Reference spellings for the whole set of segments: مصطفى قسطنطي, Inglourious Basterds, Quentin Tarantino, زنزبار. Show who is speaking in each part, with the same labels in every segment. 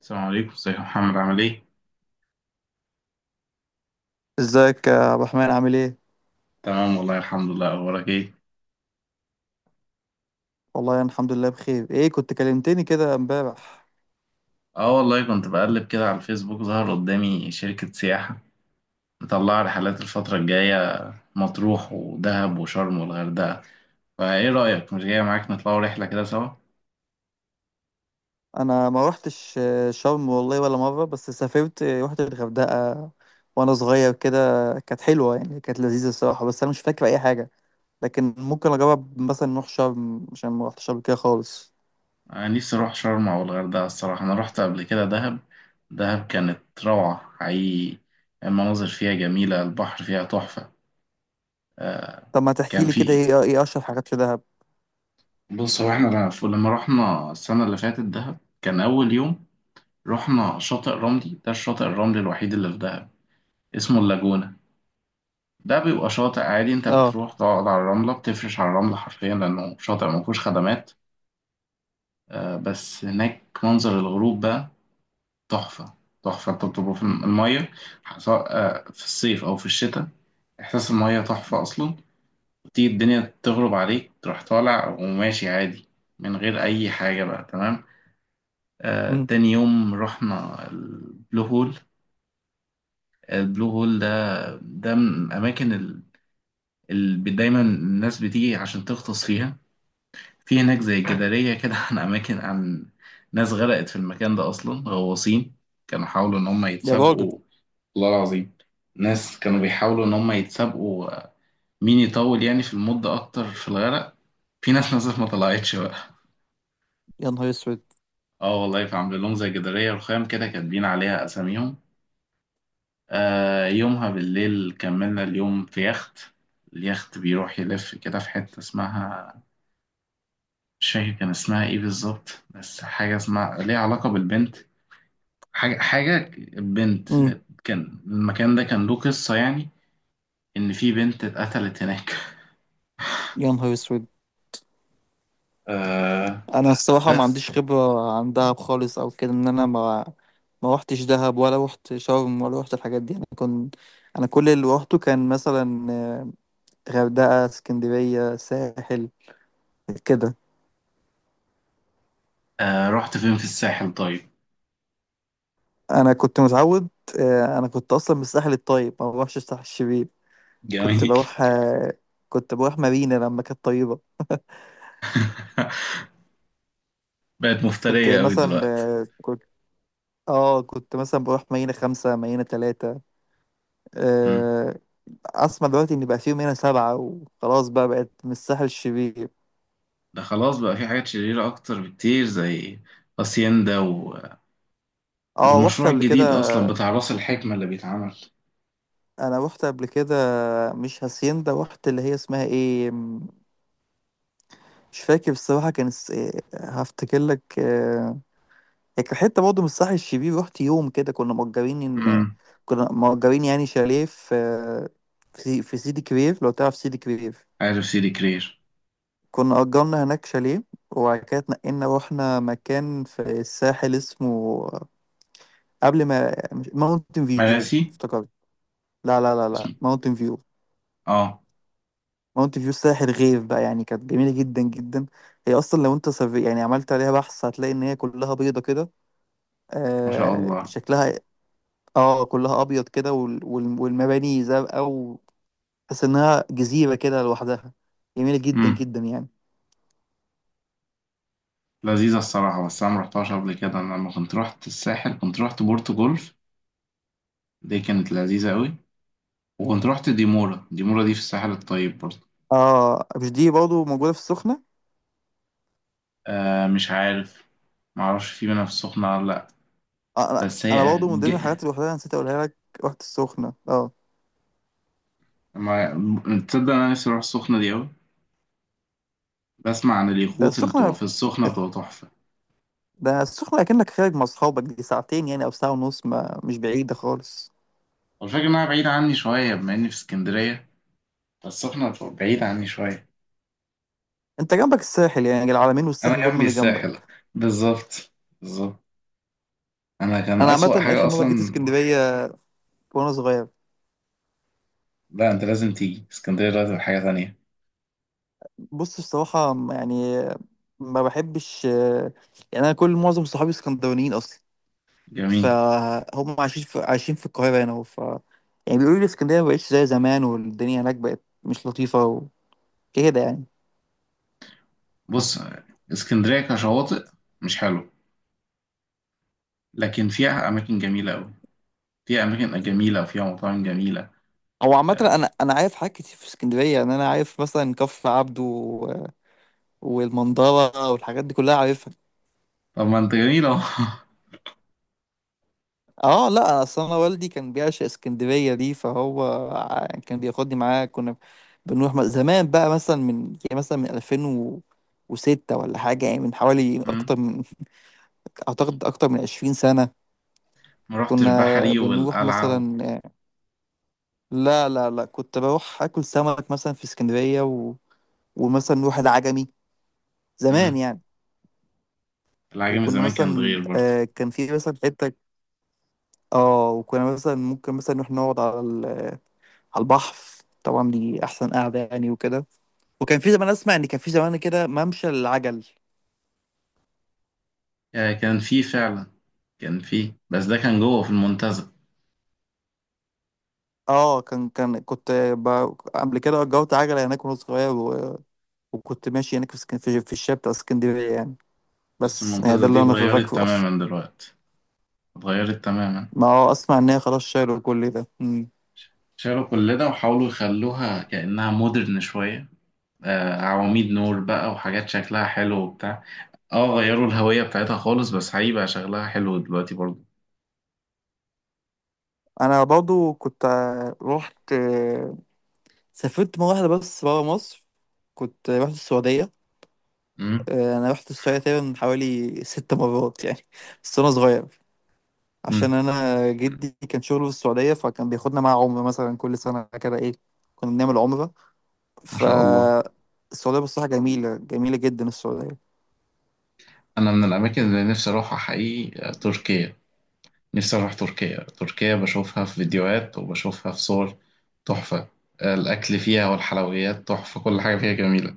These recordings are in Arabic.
Speaker 1: السلام عليكم، ازيك يا محمد؟ عامل ايه؟
Speaker 2: ازيك يا عبد الرحمن؟ عامل ايه؟
Speaker 1: تمام والله، الحمد لله. اخبارك ايه؟
Speaker 2: والله انا الحمد لله بخير. ايه كنت كلمتني كده امبارح.
Speaker 1: اه والله، كنت بقلب كده على الفيسبوك، ظهر قدامي شركة سياحة مطلعة رحلات الفترة الجاية. مطروح ودهب وشرم والغردقة. فايه رأيك مش جاية معاك نطلعوا رحلة كده سوا؟
Speaker 2: انا ما روحتش شرم والله ولا مرة، بس سافرت روحت الغردقة وانا صغير كده. كانت حلوة، يعني كانت لذيذة الصراحة، بس انا مش فاكر اي حاجة. لكن ممكن اجرب مثلا نروح شرم عشان ما روحتش قبل كده خالص.
Speaker 1: انا نفسي اروح شرم او الغردقة الصراحة. انا رحت قبل كده دهب. دهب كانت روعة حقيقي. المناظر فيها جميلة، البحر فيها تحفة.
Speaker 2: طب ما تحكي
Speaker 1: كان
Speaker 2: لي كده،
Speaker 1: في.
Speaker 2: ايه اشهر حاجات في دهب؟
Speaker 1: بص، هو احنا لما رحنا السنة اللي فاتت دهب، كان أول يوم رحنا شاطئ رملي. ده الشاطئ الرملي الوحيد اللي في دهب، اسمه اللاجونة. ده بيبقى شاطئ عادي، انت
Speaker 2: اه.
Speaker 1: بتروح تقعد على الرملة، بتفرش على الرملة حرفيا لأنه شاطئ ما فيهوش خدمات. بس هناك منظر الغروب بقى تحفة. تحفة. انت بتبقى في المية، سواء في الصيف أو في الشتاء، إحساس المية تحفة أصلا. تيجي الدنيا تغرب عليك، تروح طالع وماشي عادي من غير أي حاجة بقى. تمام.
Speaker 2: امم.
Speaker 1: تاني يوم رحنا البلو هول. البلو هول ده، ده من الأماكن ال- اللي دايما الناس بتيجي عشان تغطس فيها. في هناك زي جدارية كده عن أماكن، عن ناس غرقت في المكان ده، أصلا غواصين كانوا حاولوا إن هم
Speaker 2: يا راجل.
Speaker 1: يتسابقوا. والله العظيم، ناس كانوا بيحاولوا إن هم يتسابقوا مين يطول يعني في المدة أكتر في الغرق. في ناس نزلت ما طلعتش بقى.
Speaker 2: يا نهار اسود.
Speaker 1: اه والله، فعاملين لهم زي جدارية رخام كده كاتبين عليها أساميهم. آه، يومها بالليل كملنا اليوم في يخت. اليخت بيروح يلف كده في حتة اسمها، مش فاكر كان اسمها ايه بالظبط، بس حاجة اسمها ليها علاقة بالبنت. حاجة بنت.
Speaker 2: امم.
Speaker 1: كان، المكان ده كان له قصة يعني، إن في بنت اتقتلت هناك.
Speaker 2: يا نهار اسود.
Speaker 1: آه.
Speaker 2: انا الصراحه ما عنديش
Speaker 1: بس.
Speaker 2: خبره عن دهب خالص او كده، ان انا ما روحتش دهب ولا روحت شرم ولا روحت الحاجات دي. انا كنت، انا كل اللي روحته كان مثلا غردقه، اسكندريه، ساحل كده.
Speaker 1: آه رحت فين في الساحل طيب؟
Speaker 2: انا كنت متعود انا كنت اصلا من الساحل الطيب، ما بروحش الساحل الشرير. كنت
Speaker 1: جميل.
Speaker 2: بروح آه، كنت بروح مارينا لما كانت طيبه.
Speaker 1: بقت
Speaker 2: كنت
Speaker 1: مفترية قوي
Speaker 2: مثلا
Speaker 1: دلوقتي.
Speaker 2: آه، كنت اه كنت مثلا بروح مارينا 5، مارينا 3.
Speaker 1: مم.
Speaker 2: آه، اسمع دلوقتي ان بقى فيه منها 7 وخلاص، بقى بقت من الساحل الشرير.
Speaker 1: ده خلاص بقى في حاجات شريرة أكتر بكتير، زي هاسيندا
Speaker 2: اه رحت
Speaker 1: والمشروع
Speaker 2: قبل كده.
Speaker 1: الجديد أصلا بتاع راس الحكمة اللي بيتعمل.
Speaker 2: انا رحت قبل كده مش هاسيندا، رحت اللي هي اسمها ايه مش فاكر الصراحة، كان اس... إيه، هفتكر لك. هي كانت حتة برضه من الساحل الشرير، رحت يوم كده ان
Speaker 1: امم.
Speaker 2: كنا مأجرين يعني شاليه في في سيدي كرير، لو تعرف سيدي كرير.
Speaker 1: عارف سيدي كرير.
Speaker 2: كنا أجرنا هناك شاليه، وبعد كده اتنقلنا رحنا مكان في الساحل اسمه، قبل ما ماونتن فيو،
Speaker 1: مراسي.
Speaker 2: افتكرت. لا لا لا
Speaker 1: اسمه.
Speaker 2: لا، ماونتن فيو
Speaker 1: اه.
Speaker 2: ماونتن فيو ساحر غير بقى، يعني كانت جميلة جدا جدا. هي أصلا لو أنت يعني عملت عليها بحث هتلاقي إن هي كلها بيضة كده.
Speaker 1: ما شاء الله.
Speaker 2: شكلها، اه، كلها أبيض كده والمباني زرقاء، وتحس إنها جزيرة كده لوحدها، جميلة جدا
Speaker 1: امم.
Speaker 2: جدا يعني.
Speaker 1: لذيذة الصراحة. بس أنا مرحتهاش قبل كده. أنا لما كنت رحت الساحل كنت رحت بورتو جولف. دي كانت لذيذة أوي. وكنت رحت ديمورا. ديمورا دي في الساحل الطيب برضه.
Speaker 2: اه مش دي برضه موجودة في السخنة؟
Speaker 1: آه مش عارف، معرفش في منها في السخنة ولا لأ.
Speaker 2: آه أنا
Speaker 1: بس
Speaker 2: أنا
Speaker 1: هي
Speaker 2: برضه من
Speaker 1: ج...
Speaker 2: ضمن الحاجات اللي لوحدها نسيت أقولها لك، رحت السخنة اه.
Speaker 1: ما... تصدق أنا نفسي أروح السخنة دي أوي. بسمع عن
Speaker 2: ده
Speaker 1: اليخوت اللي بتبقى
Speaker 2: السخنة
Speaker 1: في السخنة بتبقى تحفة.
Speaker 2: ده السخنة أكنك خارج مع أصحابك، دي ساعتين يعني أو ساعة ونص، ما مش بعيدة خالص.
Speaker 1: والفكرة إنها بعيدة عني شوية، بما إني في اسكندرية، السخنة بعيد عني شوية.
Speaker 2: انت جنبك الساحل، يعني العلمين
Speaker 1: أنا
Speaker 2: والساحل هم
Speaker 1: جنبي
Speaker 2: اللي
Speaker 1: الساحل.
Speaker 2: جنبك.
Speaker 1: بالظبط. بالظبط. أنا كان
Speaker 2: انا
Speaker 1: أسوأ
Speaker 2: عامه
Speaker 1: حاجة
Speaker 2: اخر مره جيت
Speaker 1: أصلا.
Speaker 2: اسكندريه وانا صغير.
Speaker 1: لا، أنت لازم تيجي اسكندرية دلوقتي، بقت حاجة تانية.
Speaker 2: بص بصراحه، يعني ما بحبش. يعني انا معظم صحابي اسكندرانيين اصلا،
Speaker 1: جميل.
Speaker 2: فهم عايشين في القاهره هنا. ف يعني بيقولوا لي اسكندريه ما بقتش زي زمان، والدنيا هناك بقت مش لطيفه وكده يعني.
Speaker 1: بص، اسكندرية كشواطئ مش حلو، لكن فيها أماكن جميلة أوي. فيها أماكن جميلة وفيها مطاعم جميلة.
Speaker 2: هو عامة
Speaker 1: آه.
Speaker 2: أنا عارف حاجات كتير في اسكندرية، يعني أنا عارف مثلا كفر عبده والمنظرة والحاجات دي كلها عارفها.
Speaker 1: طب ما أنت جميل أهو.
Speaker 2: اه لا، اصل انا والدي كان بيعشق اسكندريه دي، فهو كان بياخدني معاه. كنا بنروح زمان بقى، مثلا من 2006 ولا حاجه، يعني من حوالي
Speaker 1: أمم.
Speaker 2: اكتر من 20 سنه.
Speaker 1: ما رحتش
Speaker 2: كنا
Speaker 1: بحري
Speaker 2: بنروح
Speaker 1: والقلعة و...
Speaker 2: مثلا، لا لا لا، كنت بروح اكل سمك مثلا في اسكندريه ومثلا نروح العجمي، زمان
Speaker 1: أمم.
Speaker 2: يعني.
Speaker 1: العجمي
Speaker 2: وكنا
Speaker 1: زمان كان صغير
Speaker 2: مثلا
Speaker 1: برضه.
Speaker 2: كان في مثلا حته، اه وكنا مثلا ممكن مثلا نروح نقعد على البحر، طبعا دي احسن قعده يعني وكده. وكان في زمان، اسمع ان كان في زمان كده ممشى العجل.
Speaker 1: آه، كان فيه فعلا. كان فيه، بس ده كان جوه في المنتزه.
Speaker 2: اه كان قبل كده اجرت عجله هناك وانا صغير، وكنت ماشي هناك في في الشارع بتاع اسكندريه يعني.
Speaker 1: بس
Speaker 2: بس يعني ده
Speaker 1: الممتازة دي
Speaker 2: اللي انا
Speaker 1: اتغيرت
Speaker 2: فاكره اصلا.
Speaker 1: تماما دلوقتي. اتغيرت تماما.
Speaker 2: ما هو اسمع ان هي خلاص شالوا كل ده.
Speaker 1: شالوا كل ده وحاولوا يخلوها كأنها مودرن شوية. آه، عواميد نور بقى وحاجات شكلها حلو وبتاع. اه، غيروا الهوية بتاعتها خالص، بس هيبقى شغلها حلو دلوقتي برضه.
Speaker 2: انا برضو كنت، آه، رحت آه، سافرت مره واحده بس برا مصر، كنت رحت السعوديه.
Speaker 1: امم.
Speaker 2: انا رحت السعوديه تقريبا حوالي 6 مرات يعني، بس وانا صغير. عشان
Speaker 1: امم.
Speaker 2: انا جدي كان شغله في السعوديه، فكان بياخدنا معاه عمره مثلا كل سنه كده ايه، كنا بنعمل عمره.
Speaker 1: ما
Speaker 2: ف
Speaker 1: شاء الله.
Speaker 2: السعوديه بصراحه جميله، جميله جدا السعوديه.
Speaker 1: أنا من الأماكن اللي نفسي أروحها حقيقي تركيا. نفسي أروح تركيا. تركيا بشوفها في فيديوهات وبشوفها في صور تحفة. الأكل فيها والحلويات تحفة. كل حاجة فيها جميلة.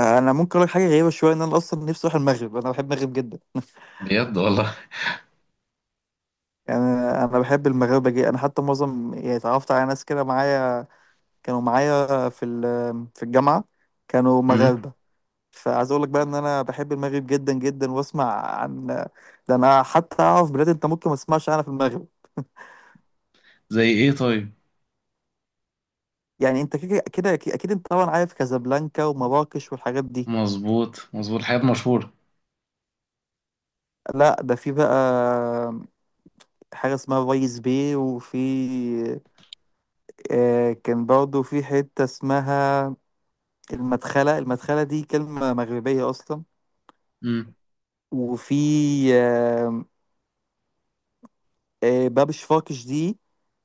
Speaker 2: انا ممكن اقول لك حاجه غريبه شويه، ان انا اصلا نفسي اروح المغرب، انا بحب المغرب جدا
Speaker 1: بجد والله.
Speaker 2: يعني انا بحب المغاربه جدا، انا حتى معظم يعني اتعرفت على ناس كده معايا، كانوا معايا في في الجامعه، كانوا
Speaker 1: امم.
Speaker 2: مغاربه. فعايز اقول لك بقى ان انا بحب المغرب جدا جدا، واسمع عن، ده انا حتى اعرف بلاد انت ممكن ما تسمعش عنها في المغرب.
Speaker 1: زي إيه طيب؟
Speaker 2: يعني انت كده كده اكيد، أكيد انت طبعا عارف كازابلانكا ومراكش والحاجات دي،
Speaker 1: مظبوط مظبوط، حاجات مشهورة.
Speaker 2: لا ده في بقى حاجة اسمها فايس باي، وفي كان برضه في حتة اسمها المدخلة، المدخلة دي كلمة مغربية أصلا.
Speaker 1: امم.
Speaker 2: وفي آه باب شفاكش، دي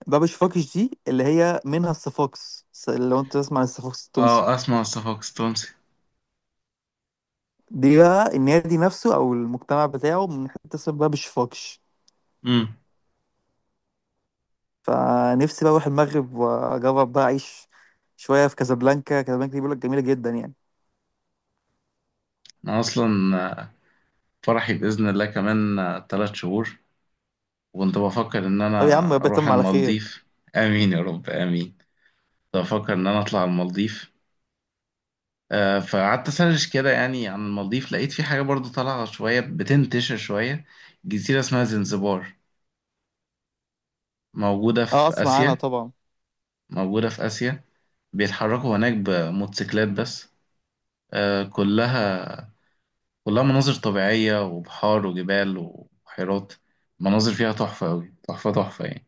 Speaker 2: باب شفاكش دي اللي هي منها الصفاقس، لو انت تسمع عن الصفاقس التونسي،
Speaker 1: اه اسمع مصطفى قسطنطي.
Speaker 2: دي بقى النادي نفسه أو المجتمع بتاعه من حتة اسمها باب شفاكش.
Speaker 1: امم.
Speaker 2: فنفسي بقى اروح المغرب، واجرب بقى اعيش شويه في كازابلانكا، كازابلانكا دي بيقول لك جميله جدا يعني.
Speaker 1: انا اصلا، آه، فرحي باذن الله كمان 3 شهور، وكنت بفكر ان
Speaker 2: طب يا
Speaker 1: انا
Speaker 2: عم ربنا
Speaker 1: اروح
Speaker 2: يتم على خير.
Speaker 1: المالديف. امين يا رب، امين. كنت بفكر ان انا اطلع المالديف. آه، فقعدت اسرش كده يعني عن المالديف، لقيت في حاجة برضو طالعة شوية بتنتشر شوية. جزيرة اسمها زنزبار، موجودة
Speaker 2: اه
Speaker 1: في
Speaker 2: اسمع عنها
Speaker 1: آسيا.
Speaker 2: طبعا.
Speaker 1: موجودة في آسيا. بيتحركوا هناك بموتوسيكلات بس. آه، كلها، كلها مناظر طبيعية وبحار وجبال وبحيرات. مناظر فيها تحفة أوي، تحفة تحفة يعني.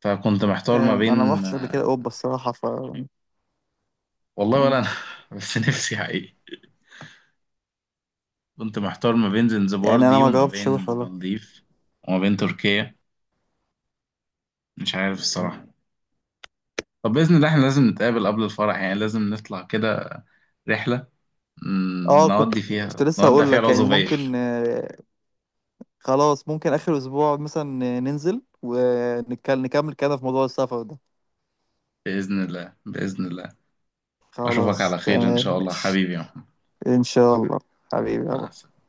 Speaker 1: فكنت محتار ما
Speaker 2: انا ما
Speaker 1: بين.
Speaker 2: رحتش قبل كده اوروبا الصراحه. ف
Speaker 1: والله ولا
Speaker 2: أم،
Speaker 1: أنا. بس نفسي حقيقي. كنت محتار ما بين
Speaker 2: يعني
Speaker 1: زنزبار
Speaker 2: انا
Speaker 1: دي
Speaker 2: ما
Speaker 1: وما بين
Speaker 2: جربتش اروح والله.
Speaker 1: المالديف وما بين تركيا. مش عارف الصراحة. طب بإذن الله احنا لازم نتقابل قبل الفرح، يعني لازم نطلع كده رحلة،
Speaker 2: اه كنت
Speaker 1: نودي
Speaker 2: كنت
Speaker 1: فيها،
Speaker 2: لسه
Speaker 1: نودع
Speaker 2: هقول
Speaker 1: فيها
Speaker 2: لك، يعني
Speaker 1: العزوبية.
Speaker 2: ممكن، خلاص ممكن اخر اسبوع مثلا، ننزل ونكمل كلامنا في موضوع السفر ده.
Speaker 1: بإذن الله، بإذن الله. أشوفك على
Speaker 2: خلاص
Speaker 1: خير إن
Speaker 2: تمام
Speaker 1: شاء الله
Speaker 2: ماشي،
Speaker 1: حبيبي يا محمد.
Speaker 2: ان شاء الله حبيبي.
Speaker 1: مع السلامة.